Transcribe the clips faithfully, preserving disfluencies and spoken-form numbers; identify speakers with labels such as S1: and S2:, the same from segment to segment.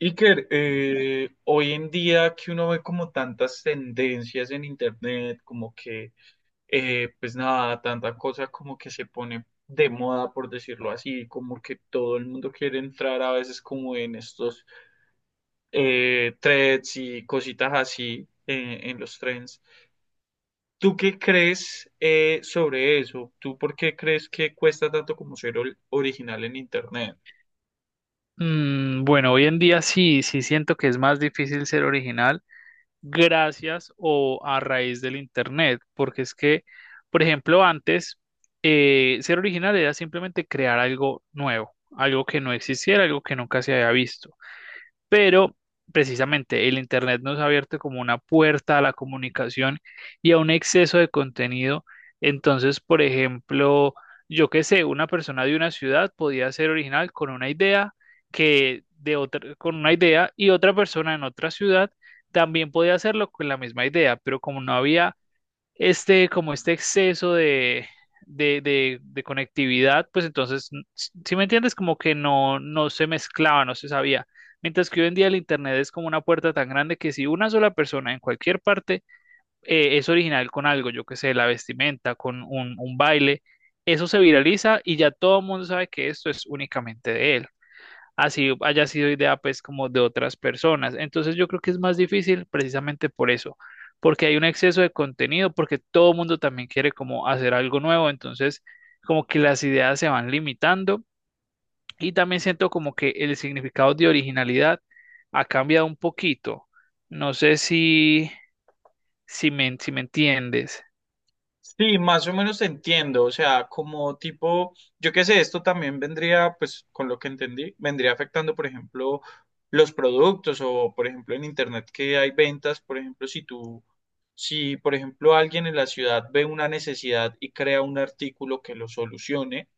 S1: Iker, eh, hoy en día que uno ve como tantas tendencias en internet, como que, eh, pues nada, tanta cosa como que se pone de moda, por decirlo así, como que todo el mundo quiere entrar a veces como en estos eh, threads y cositas así eh, en los trends. ¿Tú qué crees eh, sobre eso? ¿Tú por qué crees que cuesta tanto como ser ol- original en internet?
S2: Mm, bueno, hoy en día sí, sí siento que es más difícil ser original gracias o a raíz del internet, porque es que, por ejemplo, antes eh, ser original era simplemente crear algo nuevo, algo que no existiera, algo que nunca se había visto, pero precisamente el Internet nos ha abierto como una puerta a la comunicación y a un exceso de contenido. Entonces, por ejemplo, yo qué sé, una persona de una ciudad podía ser original con una idea que de otra, con una idea, y otra persona en otra ciudad también podía hacerlo con la misma idea, pero como no había este, como este exceso de, de, de- de conectividad, pues entonces, si me entiendes, como que no, no se mezclaba, no se sabía. Mientras que hoy en día el Internet es como una puerta tan grande que si una sola persona en cualquier parte eh, es original con algo, yo que sé, la vestimenta, con un, un baile, eso se viraliza y ya todo el mundo sabe que esto es únicamente de él, así haya sido idea pues como de otras personas. Entonces yo creo que es más difícil precisamente por eso, porque hay un exceso de contenido, porque todo el mundo también quiere como hacer algo nuevo, entonces como que las ideas se van limitando, y también siento como que el significado de originalidad ha cambiado un poquito. No sé si, si me, si me entiendes.
S1: Sí, más o menos entiendo, o sea, como tipo, yo qué sé, esto también vendría, pues con lo que entendí, vendría afectando, por ejemplo, los productos o, por ejemplo, en Internet que hay ventas, por ejemplo, si tú, si, por ejemplo, alguien en la ciudad ve una necesidad y crea un artículo que lo solucione,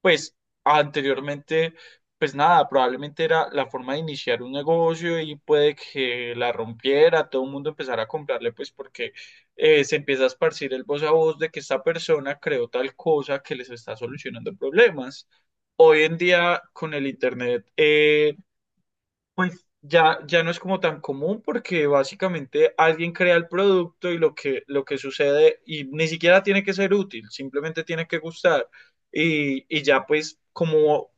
S1: pues anteriormente, pues nada, probablemente era la forma de iniciar un negocio y puede que la rompiera, todo el mundo empezara a comprarle, pues porque eh, se empieza a esparcir el voz a voz de que esta persona creó tal cosa que les está solucionando problemas. Hoy en día, con el Internet, eh, pues ya, ya no es como tan común porque básicamente alguien crea el producto y lo que, lo que sucede y ni siquiera tiene que ser útil, simplemente tiene que gustar. Y, y ya pues como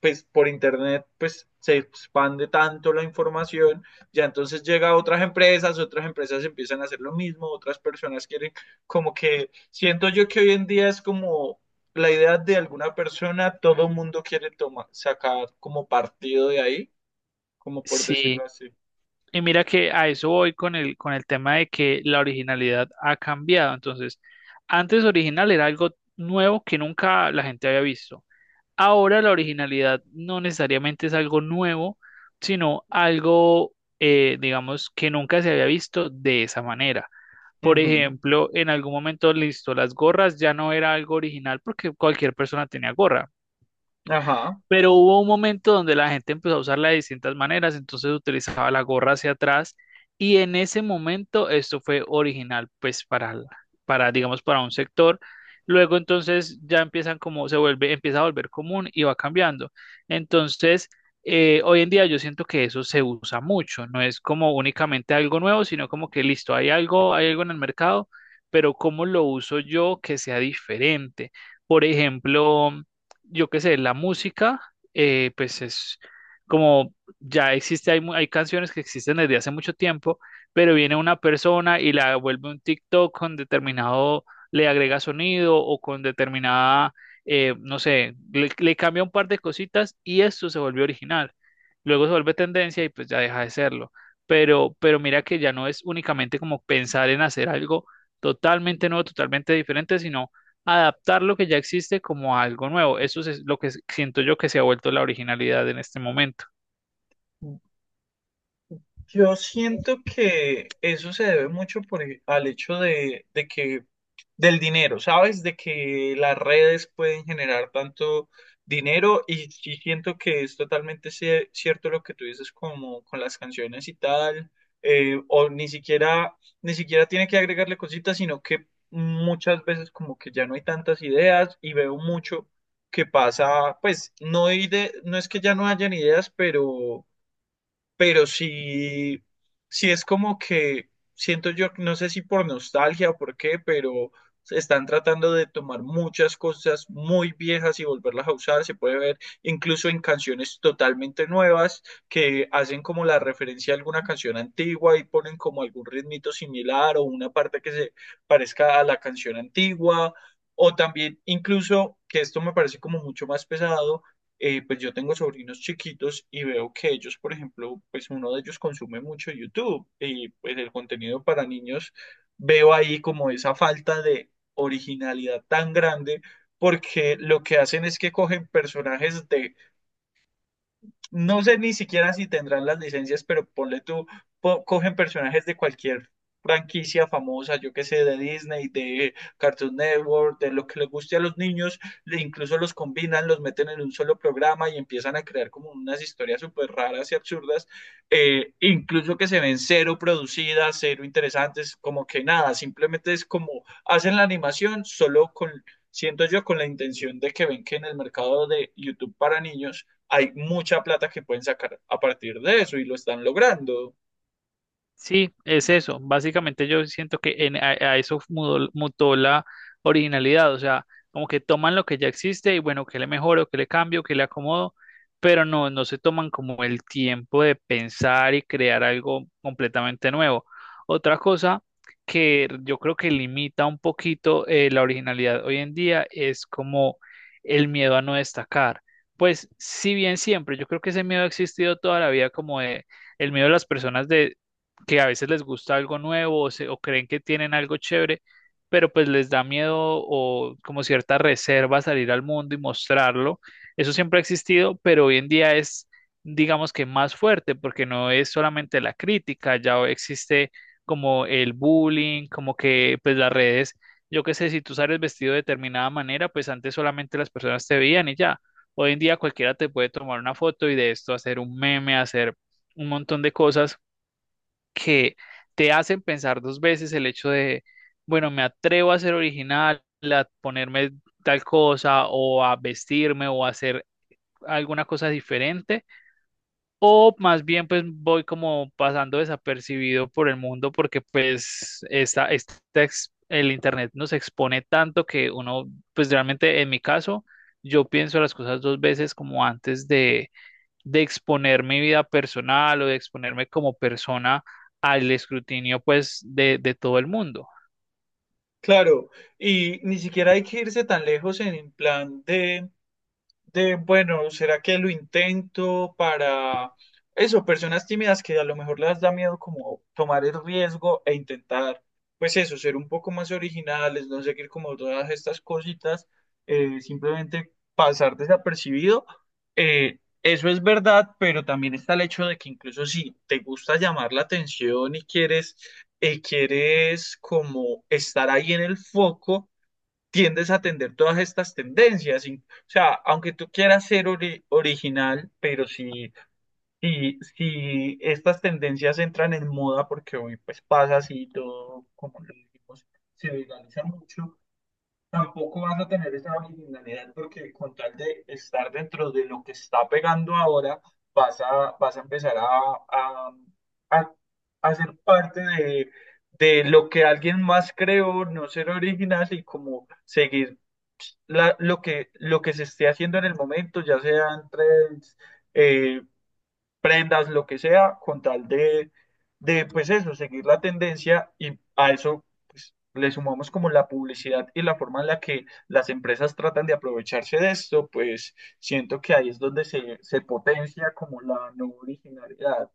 S1: pues por internet pues se expande tanto la información, ya entonces llega a otras empresas, otras empresas empiezan a hacer lo mismo, otras personas quieren como que siento yo que hoy en día es como la idea de alguna persona, todo mundo quiere tomar, sacar como partido de ahí como por decirlo
S2: Sí.
S1: así.
S2: Y mira que a eso voy con el, con el tema de que la originalidad ha cambiado. Entonces, antes original era algo nuevo que nunca la gente había visto. Ahora la originalidad no necesariamente es algo nuevo, sino algo, eh, digamos, que nunca se había visto de esa manera. Por
S1: Ujú.
S2: ejemplo, en algún momento, listo, las gorras ya no era algo original porque cualquier persona tenía gorra.
S1: Ajá.
S2: Pero hubo un momento donde la gente empezó a usarla de distintas maneras, entonces utilizaba la gorra hacia atrás, y en ese momento esto fue original pues para, la- para digamos para un sector. Luego entonces ya empiezan como se vuelve, empieza a volver común y va cambiando. Entonces, eh, hoy en día yo siento que eso se usa mucho, no es como únicamente algo nuevo, sino como que listo, hay algo, hay algo en el mercado, pero cómo lo uso yo que sea diferente. Por ejemplo, yo qué sé, la música, eh, pues es como ya existe, hay, mu- hay canciones que existen desde hace mucho tiempo, pero viene una persona y la vuelve un TikTok con determinado, le agrega sonido o con determinada, eh, no sé, le, le cambia un par de cositas y esto se volvió original. Luego se vuelve tendencia y pues ya deja de serlo. Pero, pero mira que ya no es únicamente como pensar en hacer algo totalmente nuevo, totalmente diferente, sino adaptar lo que ya existe como a algo nuevo. Eso es lo que siento yo que se ha vuelto la originalidad en este momento.
S1: Yo siento que eso se debe mucho por, e- al hecho de, de que del dinero, ¿sabes? De que las redes pueden generar tanto dinero y, sí siento que es totalmente cie- cierto lo que tú dices como con las canciones y tal, eh, o ni siquiera, ni siquiera tiene que agregarle cositas, sino que muchas veces como que ya no hay tantas ideas y veo mucho que pasa, pues no, hay de, no es que ya no hayan ideas, pero pero sí, sí es como que siento yo, no sé si por nostalgia o por qué, pero se están tratando de tomar muchas cosas muy viejas y volverlas a usar. Se puede ver incluso en canciones totalmente nuevas que hacen como la referencia a alguna canción antigua y ponen como algún ritmito similar o una parte que se parezca a la canción antigua. O también incluso, que esto me parece como mucho más pesado, eh, pues yo tengo sobrinos chiquitos y veo que ellos, por ejemplo, pues uno de ellos consume mucho YouTube y pues el contenido para niños, veo ahí como esa falta de originalidad tan grande porque lo que hacen es que cogen personajes de no sé ni siquiera si tendrán las licencias, pero ponle tú, po- cogen personajes de cualquier franquicia famosa, yo que sé, de Disney, de Cartoon Network, de lo que les guste a los niños, le- incluso los combinan, los meten en un solo programa y empiezan a crear como unas historias súper raras y absurdas, eh, incluso que se ven cero producidas, cero interesantes, como que nada, simplemente es como hacen la animación solo con, siento yo, con la intención de que ven que en el mercado de YouTube para niños, hay mucha plata que pueden sacar a partir de eso y lo están logrando.
S2: Sí, es eso. Básicamente yo siento que en, a, a eso mudó- mutó la originalidad, o sea, como que toman lo que ya existe y bueno, que le mejoro, que le cambio, que le acomodo, pero no, no se toman como el tiempo de pensar y crear algo completamente nuevo. Otra cosa que yo creo que limita un poquito eh, la originalidad hoy en día es como el miedo a no destacar. Pues si bien siempre, yo creo que ese miedo ha existido toda la vida como de el miedo de las personas de que a veces les gusta algo nuevo o, se- o creen que tienen algo chévere, pero pues les da miedo o como cierta reserva salir al mundo y mostrarlo. Eso siempre ha existido, pero hoy en día es, digamos que más fuerte, porque no es solamente la crítica, ya existe como el bullying, como que pues las redes, yo qué sé, si tú sales vestido de determinada manera, pues antes solamente las personas te veían y ya. Hoy en día cualquiera te puede tomar una foto y de esto hacer un meme, hacer un montón de cosas que te hacen pensar dos veces el hecho de, bueno, me atrevo a ser original, a ponerme tal cosa o a vestirme o a hacer alguna cosa diferente, o más bien pues voy como pasando desapercibido por el mundo porque pues esta, esta ex- el internet nos expone tanto que uno, pues realmente en mi caso, yo pienso las cosas dos veces como antes de de exponer mi vida personal o de exponerme como persona al escrutinio, pues, de, de todo el mundo.
S1: Claro, y ni siquiera hay que irse tan lejos en plan de De, bueno, ¿será que lo intento para eso? Personas tímidas que a lo mejor les da miedo como tomar el riesgo e intentar, pues eso, ser un poco más originales, no seguir como todas estas cositas, eh, simplemente pasar desapercibido. Eh, eso es verdad, pero también está el hecho de que incluso si te gusta llamar la atención y quieres, eh, quieres como estar ahí en el foco, tiendes a atender todas estas tendencias. Y, o sea, aunque tú quieras ser ori- original, pero si, si, si estas tendencias entran en moda, porque hoy pues pasa así todo, como lo dijimos, se viraliza mucho, tampoco vas a tener esa originalidad porque con tal de estar dentro de lo que está pegando ahora, vas a, vas a empezar a, a, a, a ser parte de de lo que alguien más creó, no ser original y como seguir la- lo que, lo que se esté haciendo en el momento, ya sean trends, eh, prendas, lo que sea, con tal de, de, pues eso, seguir la tendencia y a eso pues, le sumamos como la publicidad y la forma en la que las empresas tratan de aprovecharse de esto, pues siento que ahí es donde se, se potencia como la no originalidad.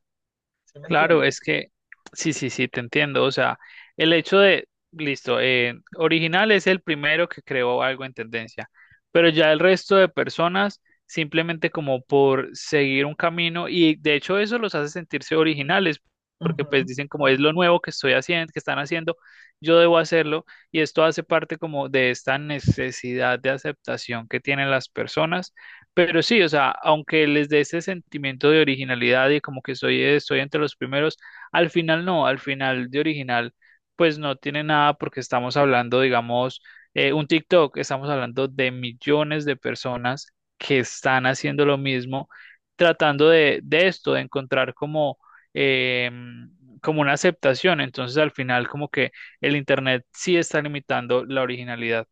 S1: ¿Sí me
S2: Claro, es
S1: entiendes?
S2: que sí, sí, sí, te entiendo. O sea, el hecho de, listo, eh, original es el primero que creó algo en tendencia, pero ya el resto de personas simplemente como por seguir un camino, y de hecho eso los hace sentirse originales, porque
S1: Ujú.
S2: pues dicen como es lo nuevo que estoy haciendo, que están haciendo, yo debo hacerlo, y esto hace parte como de esta necesidad de aceptación que tienen las personas. Pero sí, o sea, aunque les dé ese sentimiento de originalidad y como que soy, estoy entre los primeros, al final no, al final de original, pues no tiene nada porque estamos hablando, digamos, eh, un TikTok, estamos hablando de millones de personas que están haciendo lo mismo, tratando de, de esto, de encontrar como, eh, como una aceptación. Entonces, al final, como que el Internet sí está limitando la originalidad.